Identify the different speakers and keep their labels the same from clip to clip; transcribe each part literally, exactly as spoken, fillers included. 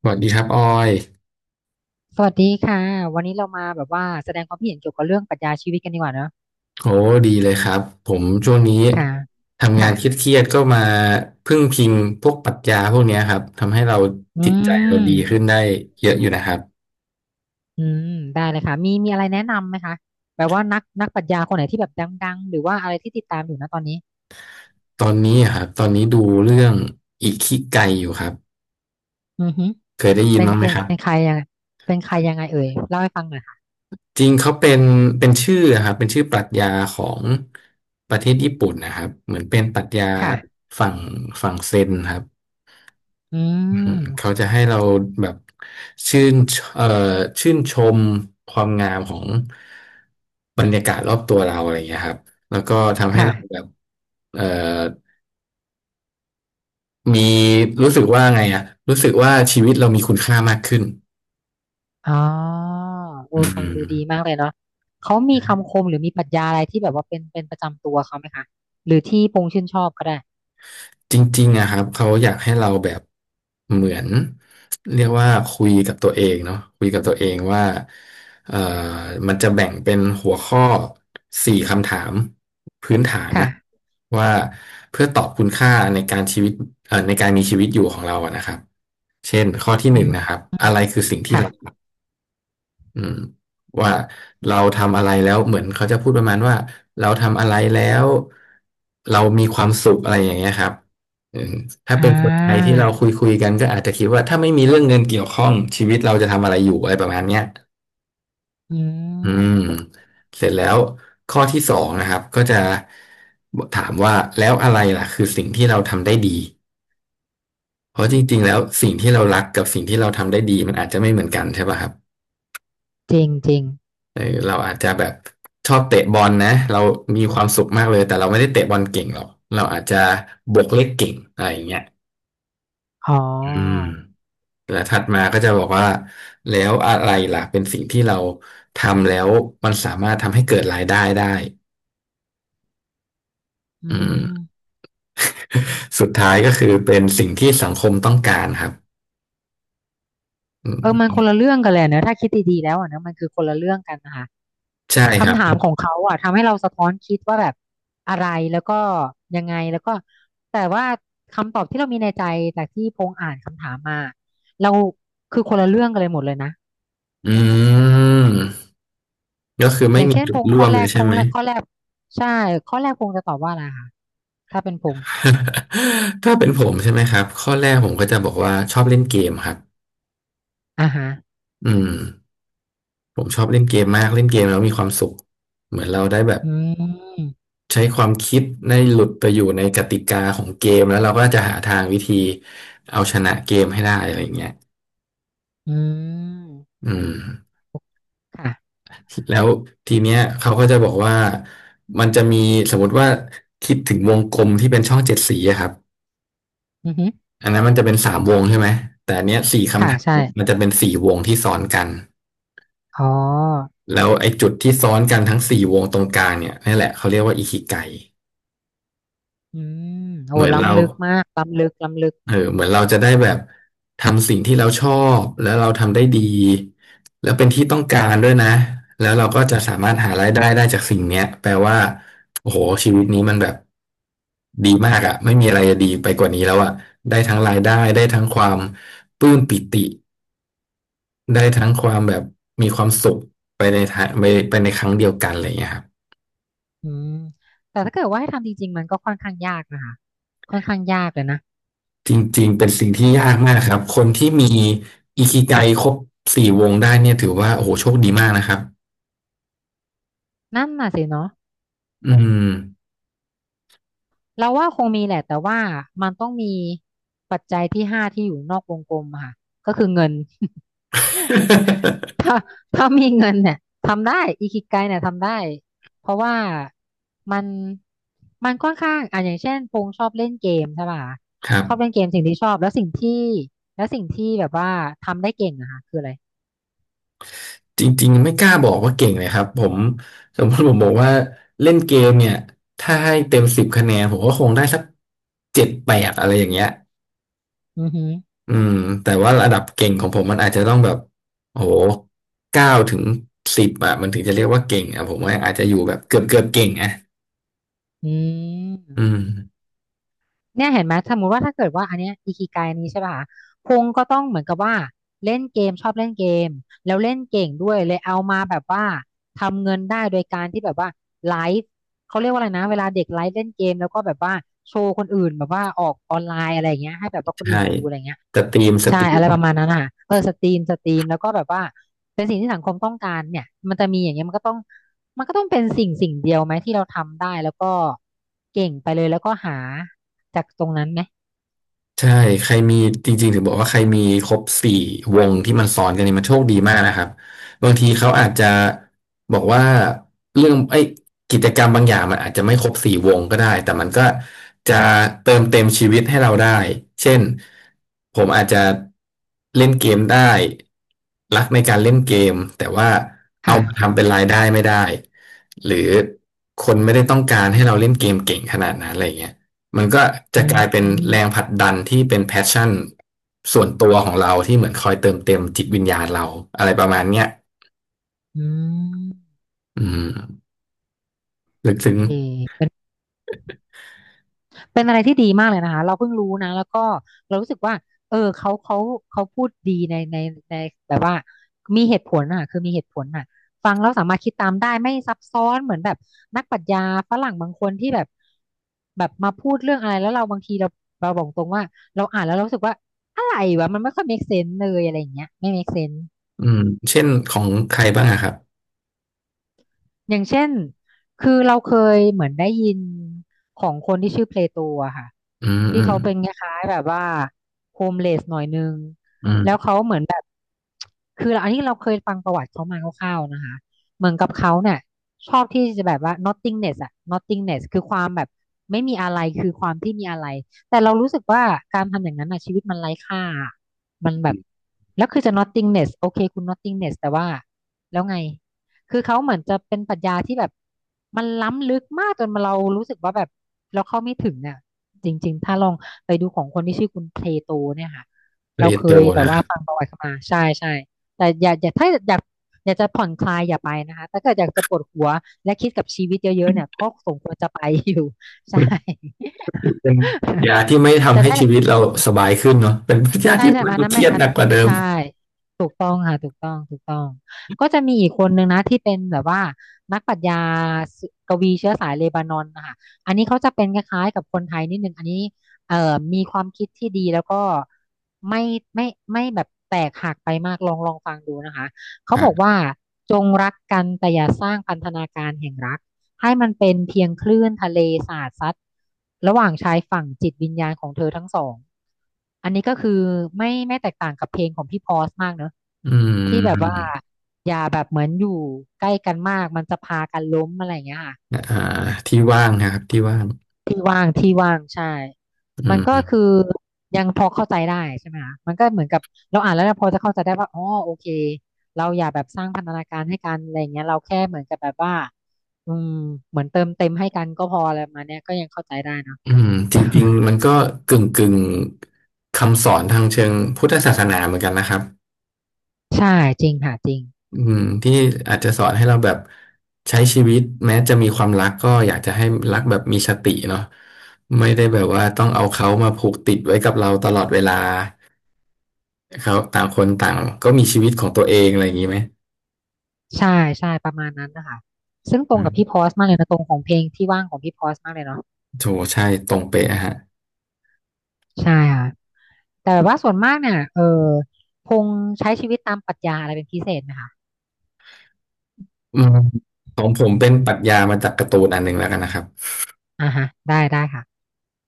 Speaker 1: สวัสดีครับออย
Speaker 2: สวัสดีค่ะวันนี้เรามาแบบว่าแสดงความคิดเห็นเกี่ยวกับเรื่องปรัชญาชีวิตกันดีกว่าเนอะ
Speaker 1: โอ้ดีเลยครับผมช่วงนี้
Speaker 2: ค่ะ
Speaker 1: ทำงา
Speaker 2: ค่ะ
Speaker 1: นเครียดๆก็มาพึ่งพิงพวกปรัชญาพวกเนี้ยครับทำให้เรา
Speaker 2: อื
Speaker 1: จิตใจเรา
Speaker 2: ม
Speaker 1: ดีขึ้นได้เยอะอยู่นะครับ
Speaker 2: อืมได้เลยค่ะมีมีอะไรแนะนำไหมคะแบบว่านักนักปรัชญาคนไหนที่แบบดังๆหรือว่าอะไรที่ติดตามอยู่นะตอนนี้
Speaker 1: ตอนนี้อะครับตอนนี้ดูเรื่องอิคิไกอยู่ครับ
Speaker 2: อือฮึ
Speaker 1: เคยได้ยิน
Speaker 2: เป็น
Speaker 1: บ้าง
Speaker 2: เก
Speaker 1: ไหมครับ
Speaker 2: เป็นใครยังไงเป็นใครยังไงเอ่ยเล่าให้ฟังหน่อยค่ะ
Speaker 1: จริงเขาเป็นเป็นชื่ออะครับเป็นชื่อปรัชญาของประเทศญี่ปุ่นนะครับเหมือนเป็นปรัชญา
Speaker 2: ค่ะ
Speaker 1: ฝั่งฝั่งเซนครับ
Speaker 2: อืม
Speaker 1: เขาจะให้เราแบบชื่นเอ่อชื่นชมความงามของบรรยากาศรอบตัวเราอะไรอย่างเงี้ยครับแล้วก็ทำให้
Speaker 2: ค่ะ
Speaker 1: เราแบบเอ่อมีรู้สึกว่าไงอะรู้สึกว่าชีวิตเรามีคุณค่ามากขึ้น
Speaker 2: อ๋อเอ
Speaker 1: อื
Speaker 2: อฟังดู
Speaker 1: ม
Speaker 2: ดีมากเลยเนาะเขามีคำคมหรือมีปรัชญาอะไรที่แบบว่าเป็นเป็นประจำตัวเขาไหมคะหรือที่พงษ์ชื่นชอบก็ได้
Speaker 1: จริงๆอะครับเขาอยากให้เราแบบเหมือนเรียกว่าคุยกับตัวเองเนาะคุยกับตัวเองว่าเอ่อมันจะแบ่งเป็นหัวข้อสี่คำถามพื้นฐานนะ
Speaker 2: ค่ะ
Speaker 1: ว่าเพื่อตอบคุณค่าในการชีวิตเอ่อในการมีชีวิตอยู่ของเราอะนะครับเช่นข้อที่ห
Speaker 2: อื
Speaker 1: นึ่ง
Speaker 2: ม
Speaker 1: นะครับ
Speaker 2: อืม
Speaker 1: อะไรคือสิ่งที่
Speaker 2: ค่ะ
Speaker 1: เรา อืมว่าเราทำอะไรแล้วเหมือนเขาจะพูดประมาณว่าเราทำอะไรแล้วเรามีความสุขอะไรอย่างเงี้ยครับอืมถ้า
Speaker 2: อ่
Speaker 1: เป็นคนไทยที่
Speaker 2: า
Speaker 1: เราคุยคุยกันก็อาจจะคิดว่าถ้าไม่มีเรื่องเงินเกี่ยวข้องชีวิตเราจะทำอะไรอยู่อะไรประมาณเนี้ย
Speaker 2: อื
Speaker 1: อื
Speaker 2: ม
Speaker 1: มเสร็จแล้วข้อที่สองนะครับก็จะถามว่าแล้วอะไรล่ะคือสิ่งที่เราทำได้ดีเพราะจริงๆแล้วสิ่งที่เรารักกับสิ่งที่เราทำได้ดีมันอาจจะไม่เหมือนกันใช่ป่ะครับ
Speaker 2: จริงจริง
Speaker 1: เออเราอาจจะแบบชอบเตะบอลนะเรามีความสุขมากเลยแต่เราไม่ได้เตะบอลเก่งหรอกเราอาจจะบวกเลขเก่งอะไรอย่างเงี้ย
Speaker 2: อ๋อ
Speaker 1: อืมแต่ถัดมาก็จะบอกว่าแล้วอะไรล่ะเป็นสิ่งที่เราทำแล้วมันสามารถทำให้เกิดรายได้ได้
Speaker 2: อื
Speaker 1: อืม
Speaker 2: ม
Speaker 1: สุดท้ายก็คือเป็นสิ่งที่สังคมต้องการครับอื
Speaker 2: เออมันค
Speaker 1: ม
Speaker 2: นละเรื่องกันเลยนะถ้าคิดดีๆแล้วอ่ะนะมันคือคนละเรื่องกันนะคะ
Speaker 1: ใช่ครั
Speaker 2: คำ
Speaker 1: บ
Speaker 2: ถามของเขาอ่ะ ทำให้เราสะท้อนคิดว่าแบบอะไร แล้วก็ยังไงแล้วก็แต่ว่าคำตอบที่เรามีในใจจากที่พงษ์อ่านคำถามมา เราคือคนละเรื่องกันเลยหมดเลยนะ
Speaker 1: อืมก็คือ
Speaker 2: อ
Speaker 1: ไม่
Speaker 2: ย่าง
Speaker 1: มี
Speaker 2: เช่น
Speaker 1: จุ
Speaker 2: พ
Speaker 1: ด
Speaker 2: งษ์
Speaker 1: ร่
Speaker 2: ข้
Speaker 1: ว
Speaker 2: อ
Speaker 1: ม
Speaker 2: แร
Speaker 1: เลย
Speaker 2: กพ
Speaker 1: ใช่
Speaker 2: ง
Speaker 1: ไหม
Speaker 2: ษ์แรกข้อแรกใช่ข้อแรกพงษ์จะตอบว่าอะไรคะถ้าเป็นพงษ์
Speaker 1: ถ้าเป็นผมใช่ไหมครับข้อแรกผมก็จะบอกว่าชอบเล่นเกมครับ
Speaker 2: อ่าฮะ
Speaker 1: อืมผมชอบเล่นเกมมากเล่นเกมแล้วมีความสุขเหมือนเราได้แบบ
Speaker 2: อืม
Speaker 1: ใช้ความคิดได้หลุดไปอยู่ในกติกาของเกมแล้วเราก็จะหาทางวิธีเอาชนะเกมให้ได้อะไรอย่างเงี้ย
Speaker 2: อืม
Speaker 1: อืม
Speaker 2: ค่ะ
Speaker 1: แล้วทีเนี้ยเขาก็จะบอกว่ามันจะมีสมมติว่าคิดถึงวงกลมที่เป็นช่องเจ็ดสีอะครับ
Speaker 2: อือฮึ
Speaker 1: อันนั้นมันจะเป็นสามวงใช่ไหมแต่อันเนี้ยสี่คำ
Speaker 2: ค่ะ
Speaker 1: ถาม
Speaker 2: ใช่
Speaker 1: มันจะเป็นสี่วงที่ซ้อนกัน
Speaker 2: อ๋อ
Speaker 1: แล้วไอ้จุดที่ซ้อนกันทั้งสี่วงตรงกลางเนี่ยนี่แหละเขาเรียกว่าอิคิไก
Speaker 2: อืมโอ้
Speaker 1: เหมือนเรา
Speaker 2: ล้ำลึกมากล้ำลึกล้ำลึก
Speaker 1: เออเหมือนเราจะได้แบบทำสิ่งที่เราชอบแล้วเราทำได้ดีแล้วเป็นที่ต้องการด้วยนะแล้วเราก็จะสามารถหารายได้ได้จากสิ่งเนี้ยแปลว่าโอ้โหชีวิตนี้มันแบบดีมากอะไม่มีอะไรจะดีไปกว่านี้แล้วอะได้ทั้งรายได้ได้ทั้งความปลื้มปิติได้ทั้งความแบบมีความสุขไปในทางไปไปในครั้งเดียวกันอะไรอย่างเงี้ยครับ
Speaker 2: อืมแต่ถ้าเกิดว่าให้ทำจริงๆ มันก็ค่อนข้างยากนะคะค่อนข้างยากเลยนะ
Speaker 1: จริงๆเป็นสิ่งที่ยากมากครับคนที่มีอิคิไกครบสี่วงได้เนี่ยถือว่าโอ้โหโชคดีมากนะครับ
Speaker 2: นั่นน่ะสิเนาะ
Speaker 1: อืม
Speaker 2: เราว่าคงมีแหละแต่ว่ามันต้องมีปัจจัยที่ห้าที่อยู่นอกวงกลมอะค่ะก็คือเงิน ถ้าถ้ามีเงินเนี่ยทำได้อิคิไกเนี่ยทำได้ เพราะว่ามันมันค่อนข้างอ่ะอย่างเช่นพงษ์ชอบเล่นเกมใช่ป่ะ
Speaker 1: ครับ
Speaker 2: ชอบเล่นเกมสิ่งที่ชอบแล้วสิ่งที่แล้วสิ่งที่แบบว่าทำได้เก่งอะค่ะคืออะไร
Speaker 1: จริงๆไม่กล้าบอกว่าเก่งเลยครับผมสมมติผมบอกว่าเล่นเกมเนี่ยถ้าให้เต็มสิบคะแนนผมก็คงได้สักเจ็ดแปดอะไรอย่างเงี้ย
Speaker 2: อือหือ
Speaker 1: อืมแต่ว่าระดับเก่งของผมมันอาจจะต้องแบบโอ้โหเก้าถึงสิบอ่ะมันถึงจะเรียกว่าเก่งอ่ะผมว่าอาจจะอยู่แบบเกือบเกือบเก่งอ่ะ
Speaker 2: อืม
Speaker 1: อืม
Speaker 2: เนี่ยเห็นไหมสมมติว่าถ้าเกิดว่าอันเนี้ยอิคิไกนี้ใช่ป่ะคะพงก็ต้องเหมือนกับว่าเล่นเกมชอบเล่นเกมแล้วเล่นเก่งด้วยเลยเอามาแบบว่าทำเงินได้โดยการที่แบบว่าไลฟ์เขาเรียกว่าอะไรนะเวลาเด็กไลฟ์เล่นเกมแล้วก็แบบว่าโชว์คนอื่นแบบว่าออกออนไลน์อะไรอย่างเงี้ยให้แบบว่าคน
Speaker 1: ใช่
Speaker 2: อื่นดูอะไรเงี้ย
Speaker 1: สตรีมส
Speaker 2: ใช่
Speaker 1: ตรี
Speaker 2: อะไร
Speaker 1: ม
Speaker 2: ประมาณนั้นอ่ะเออสตรีมสตรีมแล้วก็แบบว่าเป็นสิ่งที่สังคมต้องการเนี่ยมันจะมีอย่างเงี้ยมันก็ต้องมันก็ต้องเป็นสิ่งสิ่งเดียวไหมที่เราทำได้แล้วก็เก่งไปเลยแล้วก็หาจากตรงนั้นไหม
Speaker 1: ใช่ใครมีจริงๆถึงบอกว่าใครมีครบสี่วงที่มันซ้อนกันเนี่ยมันโชคดีมากนะครับบางทีเขาอาจจะบอกว่าเรื่องไอ้ยกิจกรรมบางอย่างมันอาจจะไม่ครบสี่วงก็ได้แต่มันก็จะเติมเต็มชีวิตให้เราได้เช่นผมอาจจะเล่นเกมได้รักในการเล่นเกมแต่ว่าเอา
Speaker 2: ค่ะ
Speaker 1: มาทำเป็นรายได้ไม่ได้หรือคนไม่ได้ต้องการให้เราเล่นเกมเก่งขนาดนั้นอะไรเงี้ย มันก็
Speaker 2: อื
Speaker 1: จะกลายเป็น
Speaker 2: ม
Speaker 1: แรงผลักดันที่เป็นแพชชั่นส่วนตัวของเราที่เหมือนคอยเติมเต็มจิตวิญญาณเราอะไรประมาณเนี้ย
Speaker 2: อืม
Speaker 1: อืมลึกซึ้
Speaker 2: โอ
Speaker 1: ง
Speaker 2: เค เป็นอะไรที่ดีมากเลยนะคะเราเพิ่งรู้นะแล้วก็เรารู้สึกว่าเออเขาเขาเขาพูดดีในในในแบบว่ามีเหตุผลอ่ะคือมีเหตุผลอ่ะฟังแล้วสามารถคิดตามได้ไม่ซับซ้อนเหมือนแบบนักปรัชญาฝรั่งบางคนที่แบบแบบมาพูดเรื่องอะไรแล้วเราบางทีเราเราบอกตรงว่าเราอ่านแล้วเรารู้สึกว่าอะไรวะมันไม่ค่อย make sense เลยอะไรอย่างเงี้ยไม่ make sense
Speaker 1: อืมเช่นของใครบ้างอะครับ
Speaker 2: อย่างเช่น คือเราเคยเหมือนได้ยินของคนที่ชื่อเพลโตอะค่ะ
Speaker 1: อืม
Speaker 2: ที่
Speaker 1: อืม
Speaker 2: เขาเป็นคล้ายๆแบบว่าโฮมเลสหน่อยนึง
Speaker 1: อื
Speaker 2: แล้ว
Speaker 1: ม
Speaker 2: เขาเหมือนแบบคืออันนี้เราเคยฟังประวัติเขามาคร่าวๆนะคะเหมือนกับเขาเนี่ยชอบที่จะแบบว่า nothingness อะ nothingness คือความแบบไม่มีอะไรคือความที่มีอะไรแต่เรารู้สึกว่าการทำอย่างนั้นอะชีวิตมันไร้ค่ามันแบบแล้วคือจะ nothingness โอเคคุณ nothingness แต่ว่าแล้วไง คือเขาเหมือนจะเป็นปรัชญาที่แบบมันล้ำลึกมากจนเรารู้สึกว่าแบบเราเข้าไม่ถึงเนี่ะจริงๆถ้าลองไปดูของคนที่ชื่อคุณเพลโตเนี่ยค่ะ
Speaker 1: เร
Speaker 2: เราเค
Speaker 1: โต
Speaker 2: ยแบบ
Speaker 1: นะค
Speaker 2: ว่า
Speaker 1: รับ
Speaker 2: ฟังประวัติเขามาใช่ใช่แต่อย่าอย่าถ้าอยากอยากจะผ่อนคลายอย่าไปนะคะถ้าเกิดอยากจะปวดหัวและคิดกับชีวิตเยอะๆเนี่ยก็สมควรจะไปอยู่ ใช่
Speaker 1: เป็นยา ที่ไม่ทำ
Speaker 2: จะ
Speaker 1: ให้
Speaker 2: ได้
Speaker 1: ชีวิตเราสบายขึ้นเนาะเป็นยา
Speaker 2: ใช่
Speaker 1: ที่
Speaker 2: ใช่
Speaker 1: ทำ
Speaker 2: อันนั้น
Speaker 1: ใเเค
Speaker 2: ไม่
Speaker 1: รียด
Speaker 2: อัน
Speaker 1: หนัก
Speaker 2: นั้น
Speaker 1: กว่าเดิม
Speaker 2: ใช่ถูกต้องค่ะถูกต้องถูกต้องก็จะมีอีกคนนึงนะที่เป็นแบบว่านักปรัชญาสกวีเชื้อสายเลบานอนนะคะอันนี้เขาจะเป็นคล้ายๆกับคนไทยนิดนึงอันนี้เอ่อมีความคิดที่ดีแล้วก็ไม่ไม่ไม่แบบแตกหักไปมากลองลองฟังดูนะคะเขา
Speaker 1: ค
Speaker 2: บอก
Speaker 1: รับ
Speaker 2: ว่าจงรักกันแต่อย่าสร้างพันธนาการแห่งรัก ให้มันเป็นเพียงคลื่นทะเลสาดซัดระหว่างชายฝั่งจิตวิญญาณของเธอทั้งสองอันนี้ก็คือไม่ไม่แตกต่างกับเพลงของพี่พอสมากเนอะ
Speaker 1: อื
Speaker 2: ที่แบบว่า
Speaker 1: ม
Speaker 2: อย่าแบบเหมือนอยู่ใกล้กันมากมันจะพากันล้มอะไรอย่างเงี้ยค่ะ
Speaker 1: อ่าที่ว่างนะครับที่ว่าง
Speaker 2: ที่ว่างที่ว่างใช่
Speaker 1: อื
Speaker 2: มันก็คือ
Speaker 1: ม
Speaker 2: ยังพอเข้าใจได้ใช่ไหมคะมันก็เหมือนกับเราอ่านแล้วเราพอจะเข้าใจได้ว่าอ๋อโอเคเราอย่าแบบสร้างพันธนาการให้กันอะไรอย่างเงี้ยเราแค่เหมือนกับแบบว่าอืมเหมือนเติมเต็มให้กันก็พออะไรประมาณเนี้ยก็ยังเข้าใจได้เนาะ
Speaker 1: อืมจริงๆมันก็กึ่งกึ่งคำสอนทางเชิงพุทธศาสนาเหมือนกันนะครับ
Speaker 2: ใช่จริงค่ะจริง
Speaker 1: อืมที่อาจจะสอนให้เราแบบใช้ชีวิตแม้จะมีความรักก็อยากจะให้รักแบบมีสติเนาะไม่ได้แบบว่าต้องเอาเขามาผูกติดไว้กับเราตลอดเวลาเขาต่างคนต่างก็มีชีวิตของตัวเองอะไรอย่างนี้ไหม
Speaker 2: ใช่ใช่ประมาณนั้นนะคะซึ่งตร
Speaker 1: อื
Speaker 2: งกับพี่พ
Speaker 1: ม
Speaker 2: อสมากเลยนะตรงของเพลงที่ว่างของพี่พอสมากเลยเนาะ
Speaker 1: โถใช่ตรงเป๊ะฮะ
Speaker 2: ใช่ค่ะ แต่แบบว่าส่วนมากเนี่ยเออพงษ์ใช้ชีวิตตามปรัชญาอะไรเป็นพิเศษไหมคะ
Speaker 1: อืมของผมเป็นปรัชญามาจากการ์ตูนอันหนึ่งแล้วกันนะครับ
Speaker 2: อ่าฮะได้ได้ค่ะ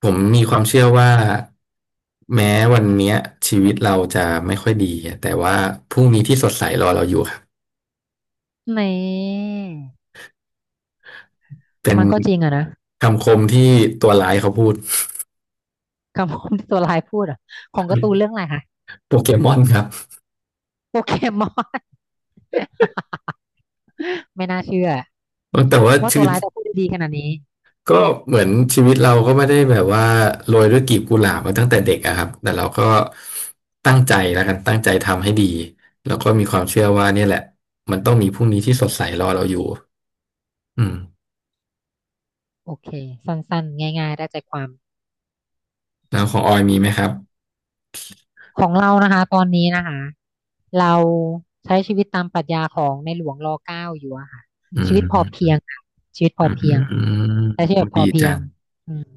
Speaker 1: ผมมีความเชื่อว่าแม้วันเนี้ยชีวิตเราจะไม่ค่อยดีอะแต่ว่าพรุ่งนี้ที่สดใสรอเราอยู่ครับ
Speaker 2: นี่
Speaker 1: เป็น
Speaker 2: มันก็จริงอะนะ
Speaker 1: คำคมที่ตัวร้ายเขาพูด
Speaker 2: คำพูดที่ตัวร้ายพูดอะของการ์ตูนเรื่องอะไรคะ
Speaker 1: โปเกมอนครับ
Speaker 2: โปเกมอน ไม่น่าเชื่อ
Speaker 1: แต่ว่า
Speaker 2: ว่า
Speaker 1: ชี
Speaker 2: ตัว
Speaker 1: วิต
Speaker 2: ร้ายจะพูดได้ดีขนาดนี้
Speaker 1: ก็เหมือนชีวิตเราก็ไม่ได้แบบว่าโรยด้วยกลีบกุหลาบมาตั้งแต่เด็กอะครับแต่เราก็ตั้งใจแล้วกันตั้งใจทำให้ดีแล้วก็มีความเชื่อว่าเนี่ยแหละมันต้องมีพรุ่งนี้ที่สดใสรอเราอยู่อืม
Speaker 2: โอเคสั้นๆง่ายๆได้ใจความ
Speaker 1: แล้วของออยมีไหมครับ
Speaker 2: ของเรานะคะตอนนี้นะคะเราใช้ชีวิตตามปรัชญาของในหลวงรเก้าอยู่อะค่ะ
Speaker 1: อื
Speaker 2: ชี
Speaker 1: ม
Speaker 2: วิตพ
Speaker 1: อื
Speaker 2: อ
Speaker 1: ม
Speaker 2: เพียง
Speaker 1: อื
Speaker 2: ค่ะชีวิตพอเพีย
Speaker 1: ม
Speaker 2: ง
Speaker 1: อื
Speaker 2: ใช้ชีวิต
Speaker 1: ม
Speaker 2: แบบพ
Speaker 1: ดี
Speaker 2: อเพีย
Speaker 1: จั
Speaker 2: ง
Speaker 1: ง
Speaker 2: อืม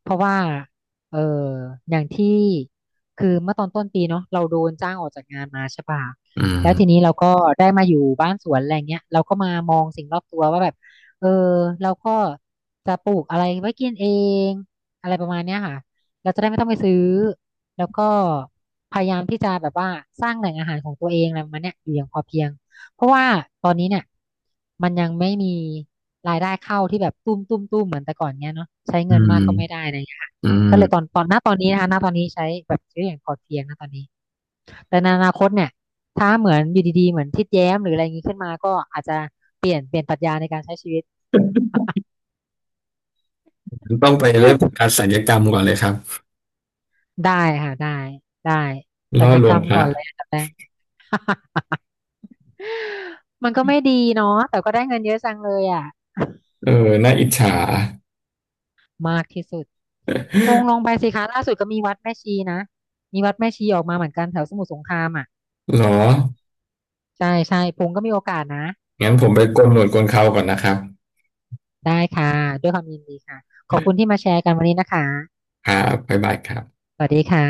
Speaker 2: เพราะว่าเอออย่างที่ คือ เมื่อตอนต้นปีเนาะเราโดนจ้างออกจากงานมาใช่ปะ
Speaker 1: อื
Speaker 2: แล้วที
Speaker 1: ม
Speaker 2: นี้เราก็ได้มาอยู่บ้านสวนอะไรเงี้ยเราก็มามองสิ่งรอบตัวว่าแบบเออเราก็จะปลูกอะไรไว้กินเอง อะไรประมาณเนี้ยค่ะเราจะได้ไม่ต้องไปซื้อ แล้วก็พยายามที่จะแบบว่าสร้างแหล่งอาหารของตัวเองอะไรประมาณเนี้ยอยู่อย่างพอเพียง เพราะว่าตอนนี้เนี่ยมันยังไม่มีรายได้เข้าที่แบบตุ้มตุ้มตุ้มเหมือนแต่ก่อนเนี้ยเนาะใช้
Speaker 1: อื
Speaker 2: เงิน
Speaker 1: ม
Speaker 2: มากก็ไม่ได้อะไรอย่างเงี้ยค่ะ
Speaker 1: อืม
Speaker 2: ก็เลยตอนตอนณตอนนี้นะคะณตอนนี้ใช้แบบใช้อย่างพอเพียงนะตอนนี้แต่ในอนาคตเนี่ยถ้าเหมือนอยู่ดีๆเหมือนทิดแย้มหรืออะไรอย่างงี้ขึ้นมาก็อาจจะเปลี่ยนเปลี่ยนปรัชญาในการใช้ชีวิต
Speaker 1: ต้องไปเริ่มจากการศัลยกรรมก่อนเลยครับ
Speaker 2: ได้ค่ะได้ได้สั
Speaker 1: ล่
Speaker 2: ญ
Speaker 1: อ
Speaker 2: ญ
Speaker 1: ล
Speaker 2: ก
Speaker 1: ว
Speaker 2: ร
Speaker 1: ง
Speaker 2: รม
Speaker 1: พระ
Speaker 2: ก่อนเลยอันดับแรก มันก็ไม่ดีเนาะแต่ก็ได้เงินเยอะจังเลยอ่ะ
Speaker 1: เออน่าอิจฉา
Speaker 2: มากที่สุดพงล งไปสิคะล่าสุดก็มีวัดแม่ชีนะมีวัดแม่ชีออกมาเหมือนกันแถวสมุทรสงครามอ่ะ
Speaker 1: เหรอ
Speaker 2: ใช่ใช่พงก็มีโอกาสนะ
Speaker 1: งั้นผมไปโกนหนวดโกนเคราก่อนนะครับ
Speaker 2: ได้ค่ะด้วยความยินดีค่ะขอบคุณที่มาแชร์กันวันนี้นะคะ
Speaker 1: ครับบ๊ายบายครับ
Speaker 2: สวัสดีค่ะ